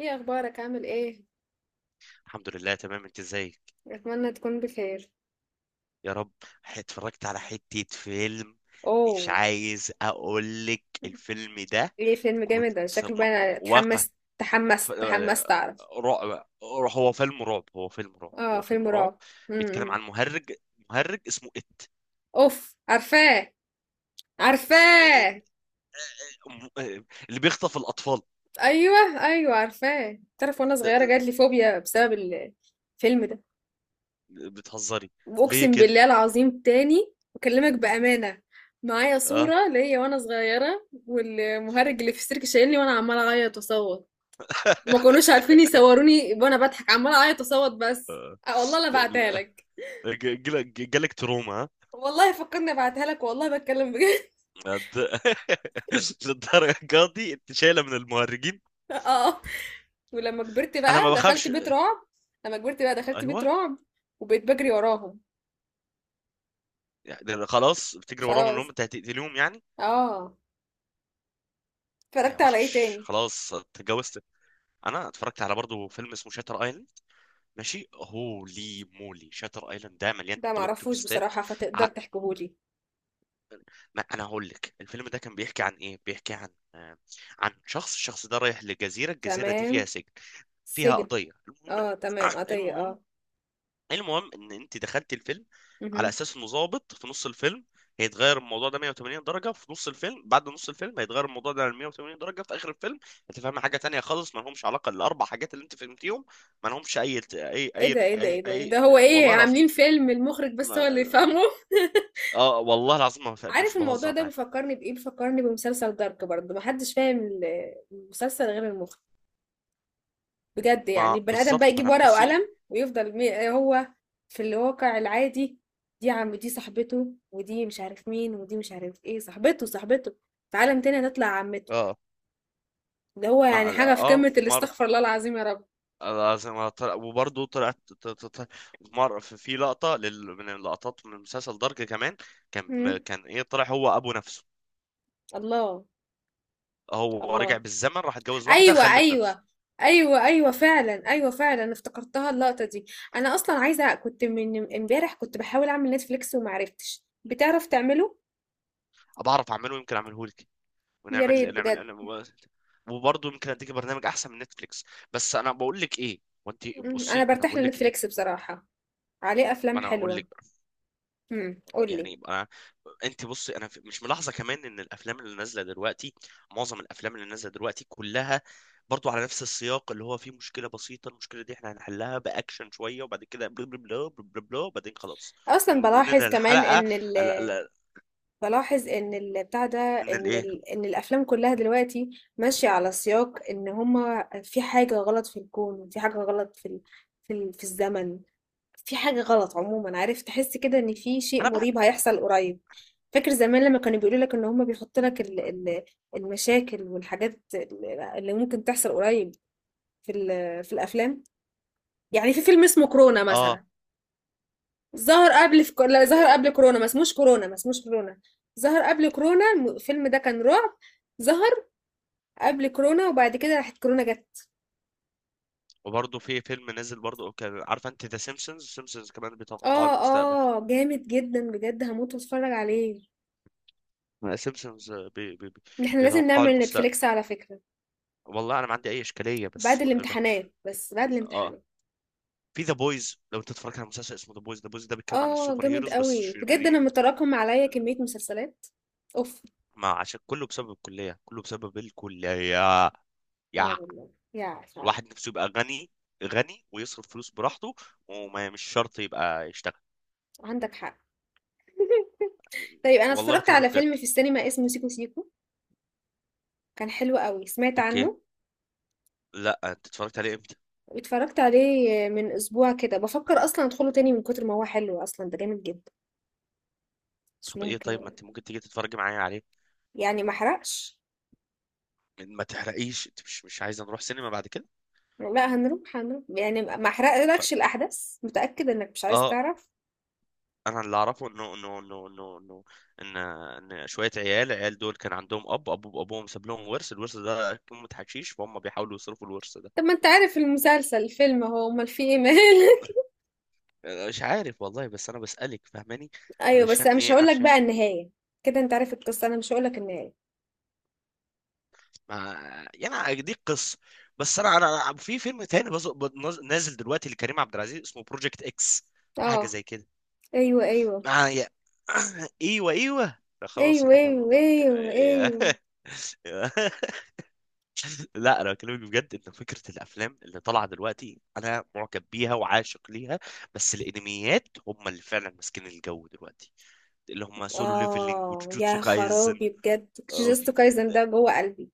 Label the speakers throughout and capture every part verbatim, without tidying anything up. Speaker 1: ايه اخبارك؟ عامل ايه؟
Speaker 2: الحمد لله، تمام. انت ازيك؟
Speaker 1: اتمنى تكون بخير.
Speaker 2: يا رب. ح- اتفرجت على حتة فيلم. مش
Speaker 1: اوه.
Speaker 2: عايز اقول لك الفيلم ده.
Speaker 1: ايه؟ فيلم جامد
Speaker 2: كنت
Speaker 1: ده شكله
Speaker 2: م-
Speaker 1: بقى.
Speaker 2: م-
Speaker 1: أنا
Speaker 2: واقع،
Speaker 1: اتحمست
Speaker 2: ف-
Speaker 1: تحمست تحمست
Speaker 2: آه،
Speaker 1: اعرف.
Speaker 2: رعب. هو فيلم رعب، هو فيلم رعب،
Speaker 1: اه،
Speaker 2: هو
Speaker 1: فيلم
Speaker 2: فيلم رعب.
Speaker 1: رعب.
Speaker 2: بيتكلم
Speaker 1: امم
Speaker 2: عن مهرج، مهرج اسمه ات.
Speaker 1: اوف، عارفاه، عارفاه.
Speaker 2: آه، آه، اللي بيخطف الاطفال.
Speaker 1: ايوه، ايوه، عارفاه. تعرف، وانا
Speaker 2: ده
Speaker 1: صغيره
Speaker 2: ده
Speaker 1: جات لي فوبيا بسبب ال- الفيلم ده.
Speaker 2: ده- بتهزري؟ ليه
Speaker 1: واقسم
Speaker 2: كده؟
Speaker 1: بالله العظيم، تاني بكلمك بامانه. معايا
Speaker 2: اه.
Speaker 1: صوره ليا وانا صغيره والمهرج اللي في السيرك شايلني وانا عماله اعيط واصوت. ما كانوش عارفين يصوروني وانا بضحك، عماله اعيط اصوت بس.
Speaker 2: آه.
Speaker 1: أه والله لا بعتها لك.
Speaker 2: جالك تروما؟ آه.
Speaker 1: والله فكرني ابعتها لك، والله بتكلم بجد.
Speaker 2: للد- للدرجه دي انت شايله من المهرجين؟
Speaker 1: اه. ولما كبرت
Speaker 2: انا ما
Speaker 1: بقى دخلت
Speaker 2: بخافش.
Speaker 1: بيت رعب. لما كبرت بقى دخلت بيت
Speaker 2: ايوه.
Speaker 1: رعب. وبقيت بجري وراهم.
Speaker 2: يعني خلاص بتجري وراهم انهم
Speaker 1: خلاص.
Speaker 2: انت هتقتلهم يعني.
Speaker 1: اه.
Speaker 2: آه،
Speaker 1: اتفرجت على ايه
Speaker 2: وحش.
Speaker 1: تاني؟
Speaker 2: خلاص اتجوزت. انا اتفرجت على برضه فيلم اسمه شاتر ايلاند. ماشي، هولي مولي، شاتر ايلاند ده مليان
Speaker 1: ده
Speaker 2: بلوت
Speaker 1: معرفوش
Speaker 2: تويستات.
Speaker 1: بصراحة، فتقدر
Speaker 2: ع-
Speaker 1: تحكيهولي؟
Speaker 2: ما انا هقول لك الفيلم ده كان بيحكي عن ايه. بيحكي عن، آه، عن شخص. الشخص ده رايح لجزيره، الجزيره دي فيها
Speaker 1: تمام.
Speaker 2: سجن، فيها
Speaker 1: سجن.
Speaker 2: قضيه. المهم،
Speaker 1: اه تمام، قضية،
Speaker 2: المهم
Speaker 1: اه.
Speaker 2: المهم ان انت دخلت الفيلم على
Speaker 1: مهم.
Speaker 2: اساس انه ظابط. في نص الفيلم هيتغير الموضوع ده 180 درجة، في نص الفيلم. بعد نص الفيلم هيتغير الموضوع ده 180 درجة. في آخر الفيلم هتفهم حاجة تانية خالص ما لهمش علاقة الأربع حاجات اللي أنت فهمتيهم. ما لهمش أي أي
Speaker 1: ايه
Speaker 2: أي
Speaker 1: ده؟ ايه ده؟
Speaker 2: أي,
Speaker 1: ايه ده؟ إيه ده؟
Speaker 2: أي...
Speaker 1: هو ايه
Speaker 2: والله العظيم،
Speaker 1: عاملين فيلم المخرج بس
Speaker 2: ما...
Speaker 1: هو اللي يفهمه!
Speaker 2: اه، والله العظيم، ما... ف- مش
Speaker 1: عارف الموضوع
Speaker 2: بهزر
Speaker 1: ده
Speaker 2: معاك.
Speaker 1: بيفكرني بإيه؟ بيفكرني بمسلسل دارك، برضه محدش فاهم ال- المسلسل غير المخرج. بجد يعني
Speaker 2: ما
Speaker 1: البني آدم بقى
Speaker 2: بالظبط، ما
Speaker 1: يجيب
Speaker 2: انا
Speaker 1: ورقة
Speaker 2: بصي.
Speaker 1: وقلم ويفضل مي... هو في الواقع العادي. دي عم، دي صاحبته، ودي مش عارف مين، ودي مش عارف ايه صاحبته صاحبته. في عالم تاني هتطلع عمته.
Speaker 2: اه.
Speaker 1: ده هو
Speaker 2: ما
Speaker 1: يعني حاجة في
Speaker 2: اه
Speaker 1: قمة
Speaker 2: وفي مرة
Speaker 1: الاستغفر الله العظيم، يا رب.
Speaker 2: لازم أطلع، وبرضه طلعت. ت- ت- ت- مر- في في لقطة لل... من اللقطات من مسلسل دارك كمان. كان
Speaker 1: مم.
Speaker 2: كان ايه؟ طلع هو ابو نفسه.
Speaker 1: الله.
Speaker 2: هو رجع
Speaker 1: الله.
Speaker 2: بالزمن راح اتجوز واحدة
Speaker 1: ايوه،
Speaker 2: خلف نفسه.
Speaker 1: ايوه، ايوه، ايوه فعلا، ايوه فعلا، انا افتكرتها اللقطه دي. انا اصلا عايزه، كنت من امبارح كنت بحاول اعمل نتفليكس وما عرفتش، بتعرف تعمله؟
Speaker 2: بعرف اعمله، يمكن اعمله لك.
Speaker 1: يا ريت
Speaker 2: ونعمل نعمل
Speaker 1: بجد.
Speaker 2: نعمل- وبرضه يمكن اديك برنامج احسن من نتفليكس. بس انا بقول لك ايه، وانت
Speaker 1: مم، انا
Speaker 2: بصي، انا
Speaker 1: برتاح
Speaker 2: بقول لك ايه.
Speaker 1: لنتفليكس بصراحه. عليه
Speaker 2: ما
Speaker 1: افلام
Speaker 2: انا اقول
Speaker 1: حلوه.
Speaker 2: لك.
Speaker 1: امم
Speaker 2: يعني
Speaker 1: قولي.
Speaker 2: يبقى، انت بصي، انا في- مش ملاحظه كمان ان الافلام اللي نازله دلوقتي، معظم الافلام اللي نازله دلوقتي كلها برضو على نفس السياق اللي هو فيه مشكله بسيطه، المشكله دي احنا هنحلها باكشن شويه، وبعد كده بلا بلا بلا بلا بلا بلا، وبعدين خلاص،
Speaker 1: اصلا
Speaker 2: وننهي
Speaker 1: بلاحظ كمان
Speaker 2: الحلقه.
Speaker 1: ان ال...
Speaker 2: ال- ال-
Speaker 1: بلاحظ ان ال... بتاع ده،
Speaker 2: من
Speaker 1: ان
Speaker 2: الايه؟
Speaker 1: ال... ان الافلام كلها دلوقتي ماشيه على سياق ان هما في حاجه غلط في الكون، في حاجه غلط في ال... في ال... في الزمن. في حاجة غلط عموما، عارف تحس كده ان في شيء
Speaker 2: انا بقى.
Speaker 1: مريب هيحصل قريب. فاكر زمان لما كانوا بيقولوا لك ان هم بيحطوا لك ال- ال- المشاكل والحاجات ال- اللي ممكن تحصل قريب في ال- في الافلام. يعني في فيلم اسمه كورونا
Speaker 2: اه.
Speaker 1: مثلا. ظهر قبل في كو... لا،
Speaker 2: لا- لا-
Speaker 1: ظهر قبل
Speaker 2: لا.
Speaker 1: كورونا، ما اسموش كورونا ما اسموش كورونا. ظهر قبل كورونا الم- الفيلم ده كان رعب. ظهر قبل كورونا وبعد كده راحت كورونا جت.
Speaker 2: وبرضه في فيلم نازل برضه، كان عارفه انت ذا سيمبسونز؟ سيمبسونز كمان بيتوقعوا
Speaker 1: اه.
Speaker 2: المستقبل.
Speaker 1: اه جامد جدا بجد، هموت واتفرج عليه.
Speaker 2: سيمبسونز. بي بي بي-
Speaker 1: احنا لازم
Speaker 2: بيتوقعوا
Speaker 1: نعمل
Speaker 2: المستقبل.
Speaker 1: نتفليكس، على فكرة.
Speaker 2: والله انا ما عندي اي اشكاليه
Speaker 1: بعد
Speaker 2: بس ب...
Speaker 1: الامتحانات، بس بعد
Speaker 2: اه.
Speaker 1: الامتحانات.
Speaker 2: في ذا بويز، لو انت اتفرجت على مسلسل اسمه ذا بويز. ذا بويز ده بيتكلم عن
Speaker 1: اه.
Speaker 2: السوبر
Speaker 1: جامد
Speaker 2: هيروز بس
Speaker 1: قوي بجد، انا
Speaker 2: شريرين.
Speaker 1: متراكم عليا كمية مسلسلات. اوف.
Speaker 2: ما عشان كله بسبب الكليه، كله بسبب الكليه.
Speaker 1: اه
Speaker 2: يا،
Speaker 1: والله، يا فعلا.
Speaker 2: الواحد نفسه يبقى غني، غني ويصرف فلوس براحته، وما مش شرط يبقى يشتغل.
Speaker 1: عندك حق. طيب، انا
Speaker 2: والله
Speaker 1: اتفرجت
Speaker 2: بكلمك
Speaker 1: على فيلم
Speaker 2: بجد.
Speaker 1: في السينما اسمه سيكو سيكو. كان حلو قوي، سمعت
Speaker 2: اوكي.
Speaker 1: عنه؟
Speaker 2: لا، انت اتفرجت عليه امتى؟
Speaker 1: اتفرجت عليه من اسبوع كده، بفكر اصلا ادخله تاني من كتر ما هو حلو، اصلا ده جامد جدا. مش
Speaker 2: طب ايه؟
Speaker 1: ممكن.
Speaker 2: طيب، ما انت ممكن تيجي تتفرج معايا عليه.
Speaker 1: يعني ما احرقش؟
Speaker 2: ما تحرقيش، انت مش مش عايزه نروح سينما بعد كده؟
Speaker 1: لا هنروح هنروح، يعني ما
Speaker 2: خ-
Speaker 1: احرقلكش الاحداث، متأكد انك مش عايز
Speaker 2: اه.
Speaker 1: تعرف؟
Speaker 2: انا اللي اعرفه انه انه انه انه انه ان ان شويه عيال، عيال دول كان عندهم اب، اب وابوهم ساب لهم ورث، الورث ده قيمه حشيش، فهم بيحاولوا يصرفوا الورث ده.
Speaker 1: طب ما انت عارف المسلسل الفيلم، هو امال في ايه؟
Speaker 2: مش عارف والله، بس انا بسالك، فاهماني؟
Speaker 1: ايوه بس
Speaker 2: علشان
Speaker 1: انا مش
Speaker 2: ايه؟
Speaker 1: هقول لك
Speaker 2: علشان.
Speaker 1: بقى النهايه. كده انت عارف القصه، انا مش هقول لك النهايه.
Speaker 2: ما. يعني دي قصه. بس انا انا أنا- في فيلم تاني بز- بنز- نازل دلوقتي لكريم عبد العزيز اسمه بروجكت اكس.
Speaker 1: اه.
Speaker 2: حاجه زي كده.
Speaker 1: ايوه، ايوه،
Speaker 2: معايا. ايوه، ايوه، لا خلاص،
Speaker 1: ايوه،
Speaker 2: احنا ما-
Speaker 1: ايوه،
Speaker 2: ما نتك-
Speaker 1: ايوه، ايوه.
Speaker 2: يا- لا، انا بكلمك بجد ان فكره الافلام اللي طالعه دلوقتي انا معجب بيها وعاشق ليها. بس الانميات هم اللي فعلا ماسكين الجو دلوقتي، اللي هم سولو ليفلينج
Speaker 1: اه
Speaker 2: وجوجوتسو
Speaker 1: يا
Speaker 2: كايزن.
Speaker 1: خرابي بجد.
Speaker 2: آه،
Speaker 1: جوجوتسو
Speaker 2: في-
Speaker 1: كايزن
Speaker 2: ده,
Speaker 1: ده جوه قلبي.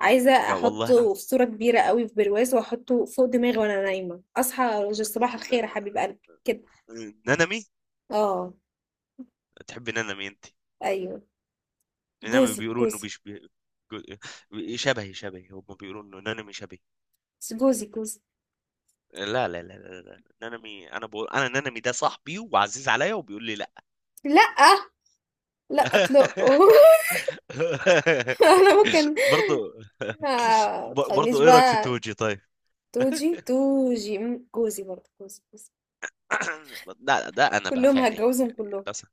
Speaker 1: عايزه
Speaker 2: ده والله العظيم.
Speaker 1: احطه في صوره كبيره قوي في برواز واحطه فوق دماغي وانا نايمه، اصحى أقول صباح الخير يا حبيب قلبي كده.
Speaker 2: ن- نانامي.
Speaker 1: اه.
Speaker 2: تحب نانامي انت؟
Speaker 1: ايوه.
Speaker 2: نانامي
Speaker 1: جوزي
Speaker 2: بيقولوا انه
Speaker 1: جوزي.
Speaker 2: بيش بي... جو- شبهي. شبهي هم بيقولوا انه نانامي شبهي.
Speaker 1: بس جوزي جوزي.
Speaker 2: لا، لا، لا، لا، لا. نانامي، انا بقول انا نانامي ده صاحبي وعزيز عليا، وبيقول لي لا.
Speaker 1: لا، لا اطلقه. انا ممكن.
Speaker 2: برضو.
Speaker 1: آه، ما تخلينيش
Speaker 2: برضو، ايه رايك في
Speaker 1: بقى.
Speaker 2: توجي طيب؟
Speaker 1: توجي توجي، مم، جوزي برضه جوزي جوزي.
Speaker 2: لا ده انا بقى
Speaker 1: كلهم
Speaker 2: فعليا
Speaker 1: هتجوزهم
Speaker 2: يعني
Speaker 1: كلهم.
Speaker 2: للاسف.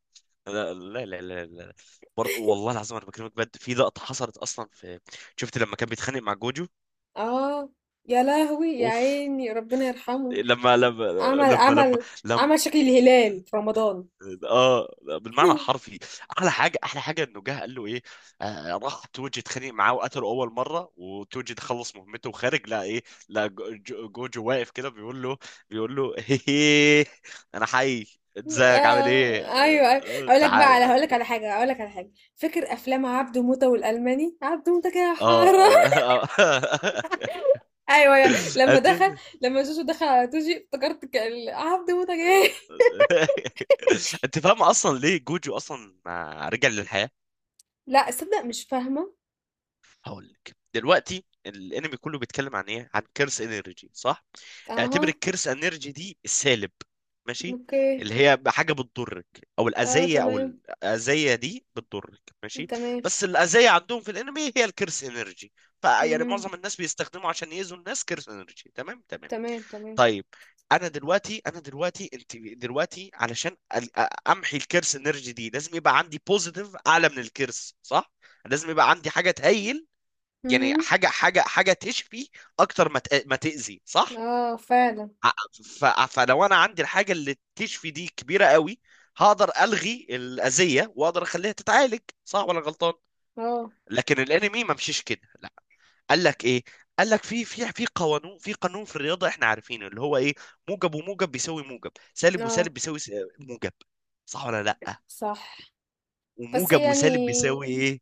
Speaker 2: لا، لا، لا، لا، لا. برضه والله العظيم، انا بكلمك بجد، في لقطه حصلت اصلا في، شفت لما كان بيتخانق مع جوجو؟
Speaker 1: اه، يا لهوي يا
Speaker 2: اوف.
Speaker 1: عيني ربنا يرحمه.
Speaker 2: لما لما
Speaker 1: عمل
Speaker 2: لما لما
Speaker 1: عمل
Speaker 2: لما،
Speaker 1: عمل شكل الهلال في رمضان.
Speaker 2: اه، بالمعنى الحرفي. احلى حاجه، احلى حاجه، انه جه قال له ايه. آه، راح توجي اتخانق معاه وقتله اول مره، وتوجي خلص مهمته وخارج. لا ايه، لا، جو- جو- جوجو واقف كده بيقول له، بيقول له هيه، انا حي، ازيك، عامل ايه،
Speaker 1: آه ايوه، ايوه.
Speaker 2: آه،
Speaker 1: اقول لك بقى على
Speaker 2: تعالى.
Speaker 1: هقول لك على حاجه، اقول لك على حاجه. فاكر افلام عبده موته والالماني؟ عبده موته كده
Speaker 2: اه،
Speaker 1: حاره.
Speaker 2: آه، آه.
Speaker 1: ايوه، يا- لما دخل.
Speaker 2: انت.
Speaker 1: لما جوجو دخل على توجي افتكرت كان عبده موته جاي.
Speaker 2: انت فاهم اصلا ليه جوجو اصلا آه، رجع للحياه؟
Speaker 1: لا صدق مش فاهمه.
Speaker 2: هقول لك دلوقتي. الانمي كله بيتكلم عن ايه؟ عن كيرس انرجي، صح؟ اعتبر
Speaker 1: اها.
Speaker 2: الكيرس انرجي دي السالب، ماشي؟
Speaker 1: اوكي.
Speaker 2: اللي هي حاجه بتضرك، او
Speaker 1: اه
Speaker 2: الاذيه. او
Speaker 1: تمام.
Speaker 2: الاذيه دي بتضرك، ماشي؟
Speaker 1: تمام.
Speaker 2: بس الاذيه عندهم في الانمي هي الكيرس انرجي. فيعني
Speaker 1: مهم.
Speaker 2: معظم الناس بيستخدموا عشان يأذوا الناس كيرس انرجي، تمام، تمام؟
Speaker 1: تمام، تمام.
Speaker 2: طيب، انا دلوقتي انا دلوقتي انت دلوقتي علشان ال- امحي الكيرس انرجي دي، لازم يبقى عندي بوزيتيف اعلى من الكيرس، صح؟ لازم يبقى عندي حاجه تهيل، يعني
Speaker 1: اهم.
Speaker 2: حاجه حاجه حاجه تشفي اكتر ما تأ- ما تاذي، صح؟
Speaker 1: آه، فعلًا.
Speaker 2: ع- ف- فلو انا عندي الحاجه اللي تشفي دي كبيره قوي، هقدر الغي الاذيه واقدر اخليها تتعالج، صح ولا غلطان؟
Speaker 1: آه،
Speaker 2: لكن الانمي ما مشيش كده، لا. قال لك ايه؟ قال لك في في في قانون، في قانون في الرياضه احنا عارفينه، اللي هو ايه؟ موجب وموجب بيساوي موجب، سالب
Speaker 1: آه،
Speaker 2: وسالب بيساوي س- موجب، صح ولا لا؟
Speaker 1: صح. بس
Speaker 2: وموجب
Speaker 1: يعني
Speaker 2: وسالب بيساوي ايه؟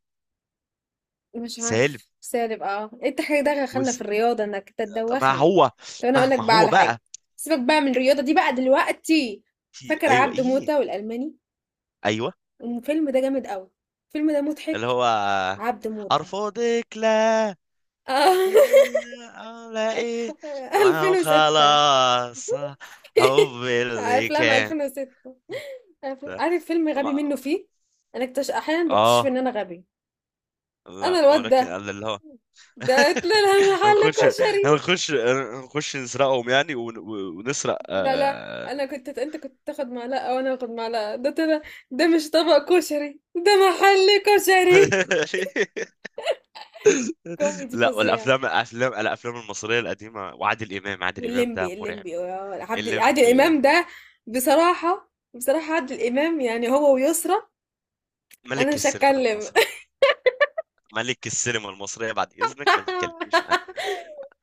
Speaker 1: مش
Speaker 2: سالب.
Speaker 1: عارفة، سالب آه. أنت حضرتك دخلنا في
Speaker 2: وس...
Speaker 1: الرياضة إنك أنت
Speaker 2: طب ما
Speaker 1: تدوّخني.
Speaker 2: هو،
Speaker 1: طب أنا هاقول لك
Speaker 2: مهما
Speaker 1: بقى
Speaker 2: هو
Speaker 1: على حاجة،
Speaker 2: بقى،
Speaker 1: سيبك بقى من الرياضة دي بقى دلوقتي،
Speaker 2: في،
Speaker 1: فاكر
Speaker 2: ايوه،
Speaker 1: عبده
Speaker 2: ايه،
Speaker 1: موتة والألماني؟
Speaker 2: ايوه،
Speaker 1: الفيلم ده جامد أوي، الفيلم ده
Speaker 2: اللي
Speaker 1: مضحك،
Speaker 2: هو
Speaker 1: عبده موتة.
Speaker 2: ارفضك لا،
Speaker 1: آه،
Speaker 2: ولا ايه؟ ما هو
Speaker 1: ألفين وستة.
Speaker 2: خلاص، حب اللي
Speaker 1: أفلام
Speaker 2: كان،
Speaker 1: ألفين وستة.
Speaker 2: ده.
Speaker 1: عارف فيلم غبي
Speaker 2: ما.
Speaker 1: منه فيه؟ أنا اكتش أحيانًا باكتشف إن
Speaker 2: اه.
Speaker 1: أنا غبية. انا،
Speaker 2: لا،
Speaker 1: الواد
Speaker 2: ولكن
Speaker 1: ده،
Speaker 2: قال اللي هو،
Speaker 1: ده طلع محل
Speaker 2: هنخش
Speaker 1: كشري.
Speaker 2: هنخش هنخش نسرقهم يعني، ون... ونسرق.
Speaker 1: لا لا،
Speaker 2: آه.
Speaker 1: انا كنت انت كنت تاخد معلقه وانا اخد معلقه، ده طلع. ده مش طبق كشري، ده محل كشري. كوميدي
Speaker 2: لا،
Speaker 1: فظيع.
Speaker 2: والافلام، الافلام الافلام المصريه القديمه، وعادل امام. عادل امام
Speaker 1: والليمبي
Speaker 2: ده مرعب.
Speaker 1: الليمبي آه، عبد عادل
Speaker 2: الليمبي.
Speaker 1: امام ده. بصراحه بصراحه، عادل امام يعني هو ويسرى. انا
Speaker 2: ملك
Speaker 1: مش
Speaker 2: السينما
Speaker 1: هتكلم.
Speaker 2: المصري. ملك السينما المصرية، بعد إذنك ما تتكلميش عنه.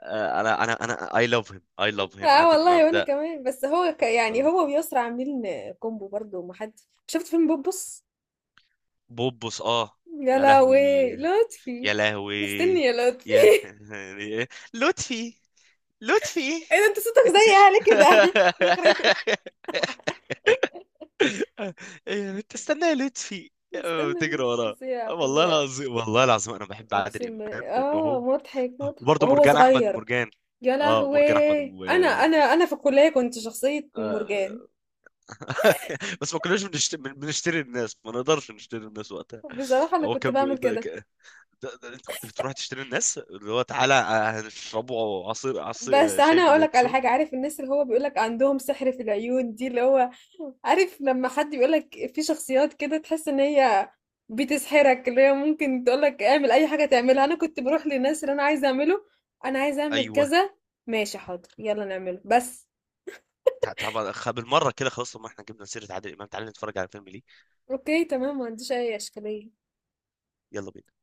Speaker 2: آه، أنا أنا أنا I love him, I love him.
Speaker 1: اه
Speaker 2: عادل
Speaker 1: والله
Speaker 2: إمام
Speaker 1: وانا
Speaker 2: ده،
Speaker 1: كمان، بس هو ك... يعني
Speaker 2: والله.
Speaker 1: هو ويسرى عاملين كومبو برضو، ما حد. شفت فيلم بوبس؟
Speaker 2: بوبوس، آه،
Speaker 1: يا
Speaker 2: يا لهوي،
Speaker 1: لهوي، لطفي.
Speaker 2: يا لهوي،
Speaker 1: استني يا لطفي.
Speaker 2: يا لطفي، لطفي.
Speaker 1: ايه ده؟ انت صوتك زي اهلي كده يخرب بيت.
Speaker 2: تستنى يا لطفي. آه،
Speaker 1: استنى
Speaker 2: بتجري
Speaker 1: مين؟
Speaker 2: وراه.
Speaker 1: فظيع،
Speaker 2: آه، والله
Speaker 1: فظيع.
Speaker 2: العظيم، والله العظيم أنا بحب عادل
Speaker 1: اقسم بالله،
Speaker 2: إمام لأنه
Speaker 1: اه
Speaker 2: هو.
Speaker 1: مضحك مضحك
Speaker 2: وبرضه
Speaker 1: وهو
Speaker 2: مرجان أحمد
Speaker 1: صغير.
Speaker 2: مرجان،
Speaker 1: يا
Speaker 2: آه، مرجان أحمد
Speaker 1: لهوي، انا انا
Speaker 2: مرجان.
Speaker 1: انا في الكليه كنت شخصيه مرجان.
Speaker 2: بس ما كناش بنشت- بن- بنشتري الناس، ما نقدرش نشتري الناس وقتها.
Speaker 1: بصراحه انا
Speaker 2: هو
Speaker 1: كنت
Speaker 2: كان بي-
Speaker 1: بعمل
Speaker 2: ده ك...
Speaker 1: كده.
Speaker 2: ده، ده انت كنت بتروح تشتري الناس، اللي هو تعالى، آه، هنشربوا عصير، عصير
Speaker 1: بس
Speaker 2: آه، شاي
Speaker 1: انا اقول لك على
Speaker 2: باليانسون.
Speaker 1: حاجه، عارف الناس اللي هو بيقول لك عندهم سحر في العيون دي، اللي هو عارف لما حد بيقولك في شخصيات كده تحس ان هي بتسحرك، اللي هي ممكن تقولك اعمل اي حاجة تعملها. انا كنت بروح للناس اللي انا عايزة اعمله، انا عايزة اعمل
Speaker 2: ايوه.
Speaker 1: كذا. ماشي، حاضر، يلا نعمله بس.
Speaker 2: تع- طبعا، خ- بالمره كده خلاص. طب ما احنا جبنا سيره عادل امام، تعالى نتفرج على فيلم ليه.
Speaker 1: اوكي، تمام، ما عنديش اي اشكالية.
Speaker 2: يلا بينا.